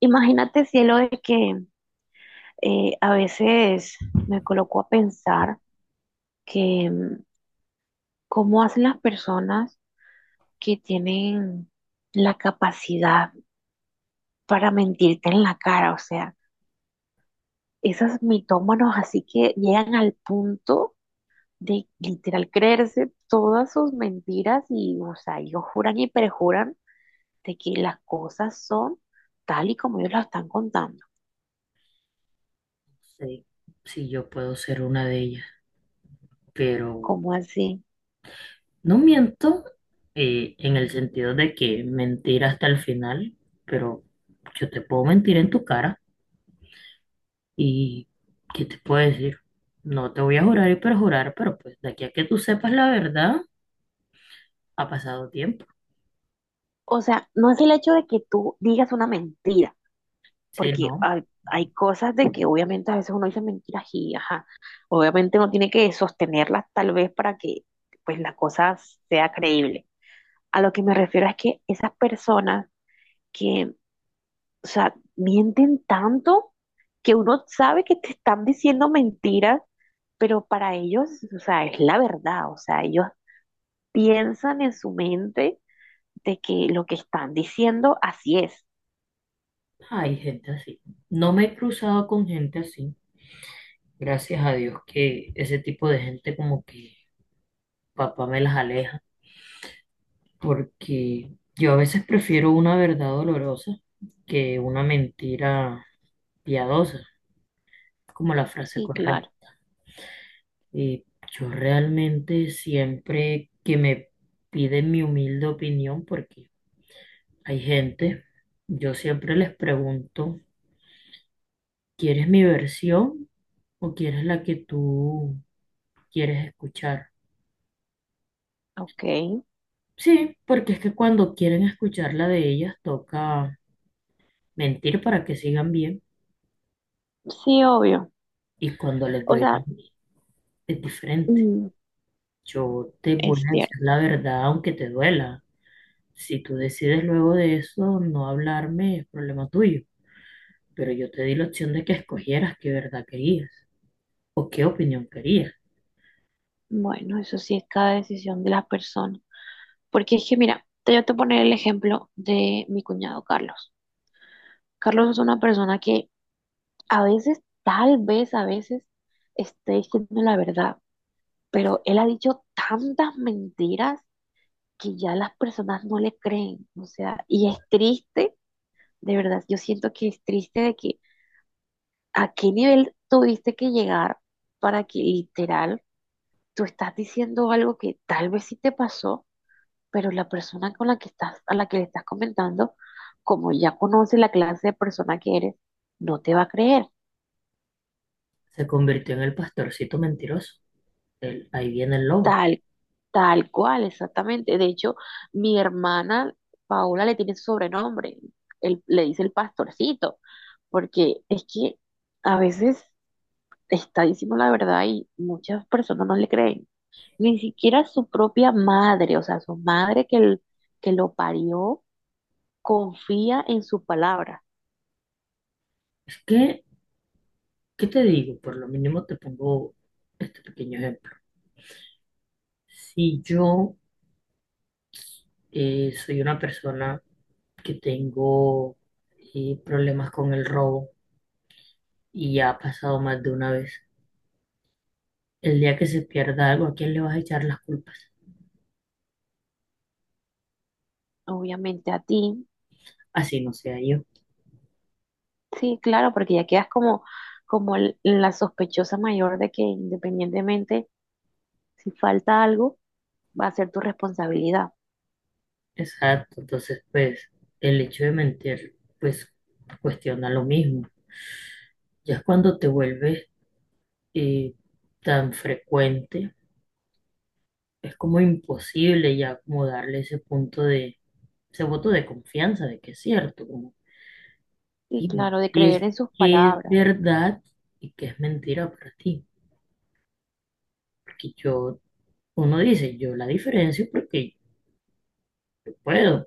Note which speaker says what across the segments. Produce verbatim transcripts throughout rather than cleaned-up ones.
Speaker 1: Imagínate, cielo, de que eh, a veces me coloco a pensar que mm, cómo hacen las personas que tienen la capacidad para mentirte en la cara, o sea, esos mitómanos así que llegan al punto de literal creerse todas sus mentiras y, o sea, ellos juran y perjuran de que las cosas son tal y como ellos las están contando.
Speaker 2: Sí, sí, yo puedo ser una de ellas, pero
Speaker 1: ¿Cómo así?
Speaker 2: no miento eh, en el sentido de que mentir hasta el final, pero yo te puedo mentir en tu cara y ¿qué te puedo decir? No te voy a jurar y perjurar, pero pues de aquí a que tú sepas la verdad, ha pasado tiempo.
Speaker 1: O sea, no es el hecho de que tú digas una mentira
Speaker 2: Si
Speaker 1: porque
Speaker 2: no,
Speaker 1: hay, hay cosas de que obviamente a veces uno dice mentiras y, ajá, obviamente uno tiene que sostenerlas tal vez para que pues la cosa sea creíble. A lo que me refiero es que esas personas que, o sea, mienten tanto que uno sabe que te están diciendo mentiras, pero para ellos, o sea, es la verdad, o sea, ellos piensan en su mente de que lo que están diciendo así es.
Speaker 2: hay gente así. No me he cruzado con gente así. Gracias a Dios que ese tipo de gente como que papá me las aleja porque yo a veces prefiero una verdad dolorosa que una mentira piadosa, como la frase
Speaker 1: Sí, claro.
Speaker 2: correcta. Y yo realmente siempre que me piden mi humilde opinión, porque hay gente, yo siempre les pregunto, ¿quieres mi versión o quieres la que tú quieres escuchar?
Speaker 1: Ok,
Speaker 2: Sí, porque es que cuando quieren escuchar la de ellas, toca mentir para que sigan bien
Speaker 1: sí, obvio.
Speaker 2: y cuando les
Speaker 1: O
Speaker 2: doy la
Speaker 1: sea,
Speaker 2: mía, es diferente.
Speaker 1: mm,
Speaker 2: Yo te voy
Speaker 1: es
Speaker 2: a decir
Speaker 1: cierto.
Speaker 2: la verdad aunque te duela. Si tú decides luego de eso no hablarme, es problema tuyo. Pero yo te di la opción de que escogieras qué verdad querías o qué opinión querías.
Speaker 1: Bueno, eso sí es cada decisión de la persona. Porque es que, mira, te voy a poner el ejemplo de mi cuñado Carlos. Carlos es una persona que a veces, tal vez a veces, esté diciendo la verdad, pero él ha dicho tantas mentiras que ya las personas no le creen. O sea, y es triste, de verdad, yo siento que es triste de que a qué nivel tuviste que llegar para que literal tú estás diciendo algo que tal vez sí te pasó pero la persona con la que estás, a la que le estás comentando, como ya conoce la clase de persona que eres, no te va a creer,
Speaker 2: Se convirtió en el pastorcito mentiroso. El- ahí viene el lobo.
Speaker 1: tal, tal cual, exactamente. De hecho, mi hermana Paola le tiene su sobrenombre, él, le dice el pastorcito, porque es que a veces está diciendo la verdad y muchas personas no le creen. Ni siquiera su propia madre, o sea, su madre que, el- que lo parió, confía en su palabra.
Speaker 2: Es que, ¿qué te digo? Por lo mínimo te pongo este pequeño ejemplo. Si yo eh, soy una persona que tengo eh, problemas con el robo y ya ha pasado más de una vez. El día que se pierda algo, ¿a quién le vas a echar las culpas?
Speaker 1: Obviamente a ti.
Speaker 2: Así no sea yo.
Speaker 1: Sí, claro, porque ya quedas como, como l- la sospechosa mayor de que independientemente si falta algo, va a ser tu responsabilidad.
Speaker 2: Exacto, entonces pues el hecho de mentir pues cuestiona lo mismo. Ya es cuando te vuelves eh, tan frecuente, es como imposible ya como darle ese punto de, ese voto de confianza de que es cierto, como
Speaker 1: Y
Speaker 2: dime,
Speaker 1: claro, de
Speaker 2: ¿qué
Speaker 1: creer
Speaker 2: es,
Speaker 1: en sus
Speaker 2: qué es
Speaker 1: palabras.
Speaker 2: verdad y qué es mentira para ti? Porque yo, uno dice, yo la diferencio porque yo puedo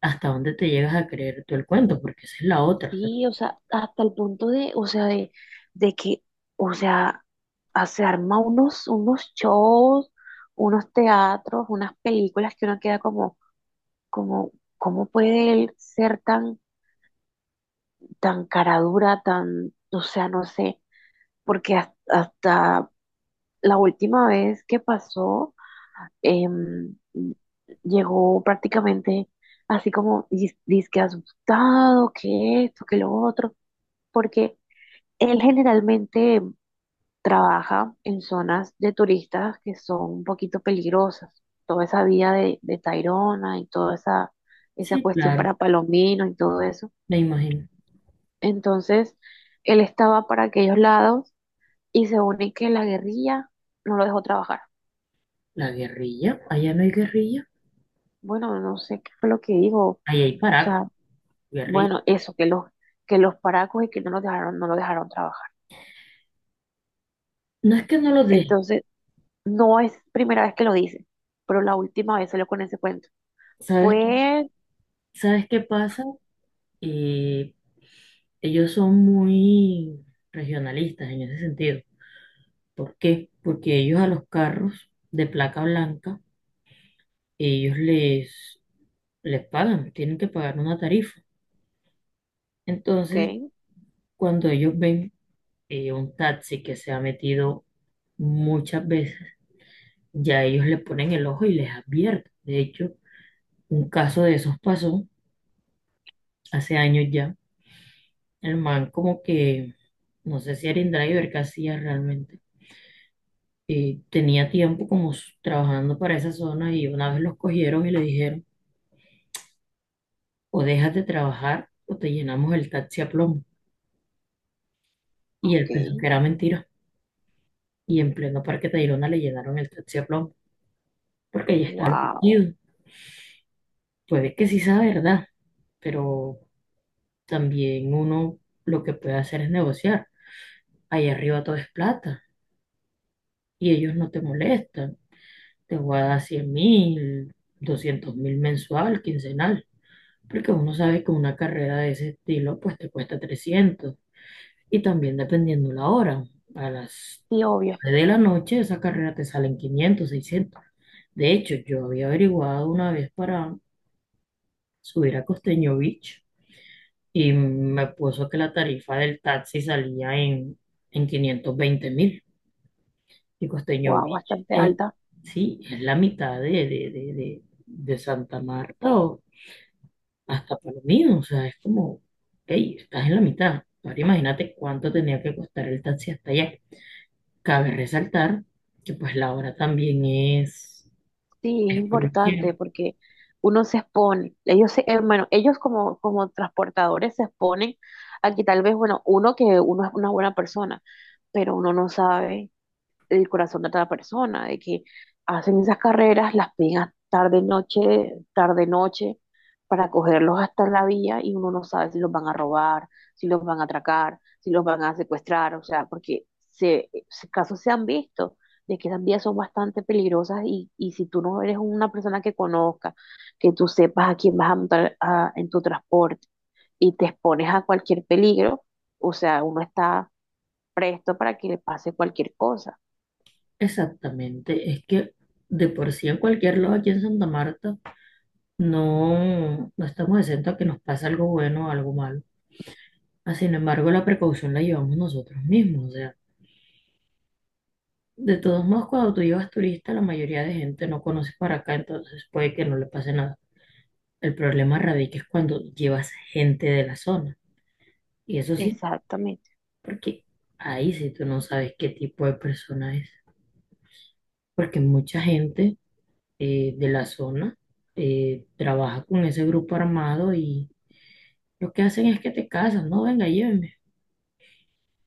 Speaker 2: hasta dónde te llegas a creer tú el cuento, porque esa es la otra. O sea,
Speaker 1: Sí, o sea, hasta el punto de, o sea, de, de que, o sea, ah, se arma unos, unos shows, unos teatros, unas películas que uno queda como, como, ¿cómo puede él ser tan, tan cara dura, tan, o sea, no sé, porque has- hasta, la última vez que pasó, em, llegó prácticamente así como dis- dizque asustado, que esto, que lo otro, porque él generalmente trabaja en zonas de turistas que son un poquito peligrosas. Toda esa vía de, de Tayrona y toda esa, esa
Speaker 2: sí,
Speaker 1: cuestión
Speaker 2: claro,
Speaker 1: para Palomino y todo eso.
Speaker 2: me imagino.
Speaker 1: Entonces, él estaba para aquellos lados y se une que la guerrilla no lo dejó trabajar.
Speaker 2: La guerrilla, allá no hay guerrilla,
Speaker 1: Bueno, no sé qué fue lo que dijo. O
Speaker 2: allá hay paraco,
Speaker 1: sea,
Speaker 2: guerrilla.
Speaker 1: bueno, eso, que los, que los paracos y que no los dejaron, no lo dejaron trabajar.
Speaker 2: No es que no lo dejen,
Speaker 1: Entonces, no es primera vez que lo dice, pero la última vez salió con ese cuento.
Speaker 2: ¿sabes, qué-
Speaker 1: Fue,
Speaker 2: ¿Sabes qué pasa? Eh, Ellos son muy regionalistas en ese sentido. ¿Por qué? Porque ellos a los carros de placa blanca, ellos les, les pagan, tienen que pagar una tarifa. Entonces,
Speaker 1: ok,
Speaker 2: cuando ellos ven eh, un taxi que se ha metido muchas veces, ya ellos le ponen el ojo y les advierten. De hecho, un caso de esos pasó hace años ya. El man como que, no sé si era InDriver, qué hacía realmente. Eh, tenía tiempo como s- trabajando para esa zona y una vez los cogieron y le dijeron, o dejas de trabajar o te llenamos el taxi a plomo. Y él
Speaker 1: ok,
Speaker 2: pensó que era mentira. Y en pleno Parque Tayrona le llenaron el taxi a plomo porque ya estaba
Speaker 1: wow.
Speaker 2: metido. Puede que sí sea verdad, pero también uno lo que puede hacer es negociar. Ahí arriba todo es plata y ellos no te molestan. Te voy a dar cien mil, doscientos mil mensual, quincenal, porque uno sabe que una carrera de ese estilo pues te cuesta trescientos y también dependiendo la hora. A las
Speaker 1: Sí, obvio,
Speaker 2: nueve de la noche esa carrera te salen quinientos seiscientos. De hecho, yo había averiguado una vez para subir a Costeño Beach y me puso que la tarifa del taxi salía en, en, quinientos veinte mil. Y Costeño
Speaker 1: wow,
Speaker 2: Beach.
Speaker 1: bastante
Speaker 2: Es-
Speaker 1: alta.
Speaker 2: sí, es la mitad de, de, de, de- de Santa Marta o hasta Palomino, o sea, es como, hey, estás en la mitad. Ahora imagínate cuánto tenía que costar el taxi hasta allá. Cabe resaltar que pues la hora también es,
Speaker 1: Sí, es
Speaker 2: es por conocida.
Speaker 1: importante porque uno se expone. Ellos se, eh, bueno, ellos como, como transportadores se exponen a que tal vez, bueno, uno que uno es una buena persona, pero uno no sabe. El corazón de cada persona, de que hacen esas carreras, las pegan tarde, noche, tarde, noche, para cogerlos hasta la vía y uno no sabe si los van a robar, si los van a atracar, si los van a secuestrar, o sea, porque se, se- casos se han visto de que esas vías son bastante peligrosas y, y si tú no eres una persona que conozca, que tú sepas a quién vas a montar a- en tu transporte y te expones a cualquier peligro, o sea, uno está presto para que le pase cualquier cosa.
Speaker 2: Exactamente, es que de por sí en cualquier lado aquí en Santa Marta no, no estamos exentos a que nos pase algo bueno o algo malo. Ah, sin embargo, la precaución la llevamos nosotros mismos, o sea, de todos modos, cuando tú llevas turista, la mayoría de gente no conoce para acá, entonces puede que no le pase nada. El problema radica es cuando llevas gente de la zona. Y eso sí,
Speaker 1: Exactamente.
Speaker 2: porque ahí sí tú no sabes qué tipo de persona es. Porque mucha gente eh, de la zona eh, trabaja con ese grupo armado y lo que hacen es que te casan, no, venga, llévenme.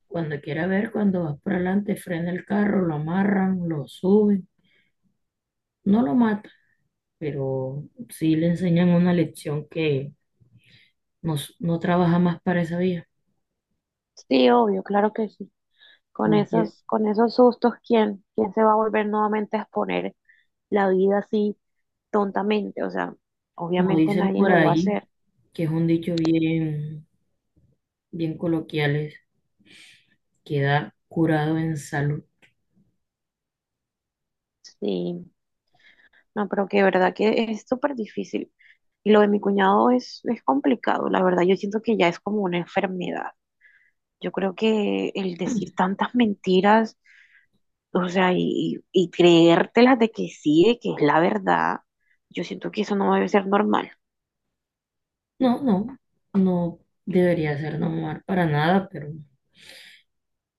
Speaker 2: Cuando quiera ver, cuando vas por adelante, frena el carro, lo amarran, lo suben, no lo matan pero sí le enseñan una lección que nos no trabaja más para esa vía.
Speaker 1: Sí, obvio, claro que sí. Con
Speaker 2: Como, que-
Speaker 1: esos, con esos sustos, ¿quién, quién se va a volver nuevamente a exponer la vida así tontamente? O sea,
Speaker 2: Como
Speaker 1: obviamente
Speaker 2: dicen
Speaker 1: nadie
Speaker 2: por
Speaker 1: lo va a
Speaker 2: ahí,
Speaker 1: hacer.
Speaker 2: que es un dicho bien, bien coloquial, es queda curado en salud.
Speaker 1: Sí, no, pero que de verdad que es súper difícil. Y lo de mi cuñado es, es complicado, la verdad. Yo siento que ya es como una enfermedad. Yo creo que el decir tantas mentiras, o sea, y, y creértelas de que sí, de que es la verdad, yo siento que eso no debe ser normal.
Speaker 2: No, no, no debería ser normal para nada, pero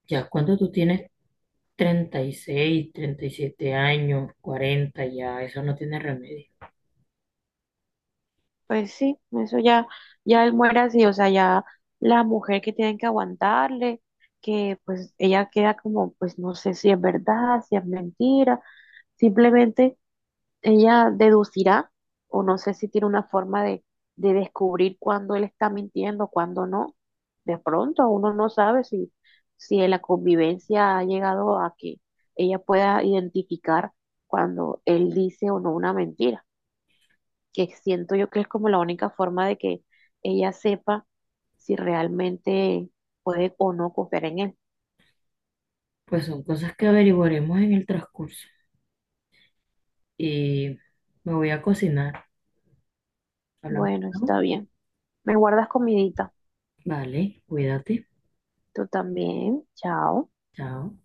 Speaker 2: ya cuando tú tienes treinta treinta y seis treinta y siete años, cuarenta ya eso no tiene remedio.
Speaker 1: Pues sí, eso ya, ya él muere así, o sea, ya la mujer que tienen que aguantarle, que pues ella queda como, pues no sé si es verdad, si es mentira, simplemente ella deducirá, o no sé si tiene una forma de, de descubrir cuándo él está mintiendo, cuándo no. De pronto uno no sabe si, si en la convivencia ha llegado a que ella pueda identificar cuando él dice o no una mentira, que siento yo que es como la única forma de que ella sepa si realmente puede o no confiar en él.
Speaker 2: Pues son cosas que averiguaremos en el transcurso. Y me voy a cocinar. Hablamos,
Speaker 1: Bueno, está
Speaker 2: ¿no?
Speaker 1: bien. Me guardas comidita.
Speaker 2: Vale, cuídate.
Speaker 1: Tú también. Chao.
Speaker 2: Chao.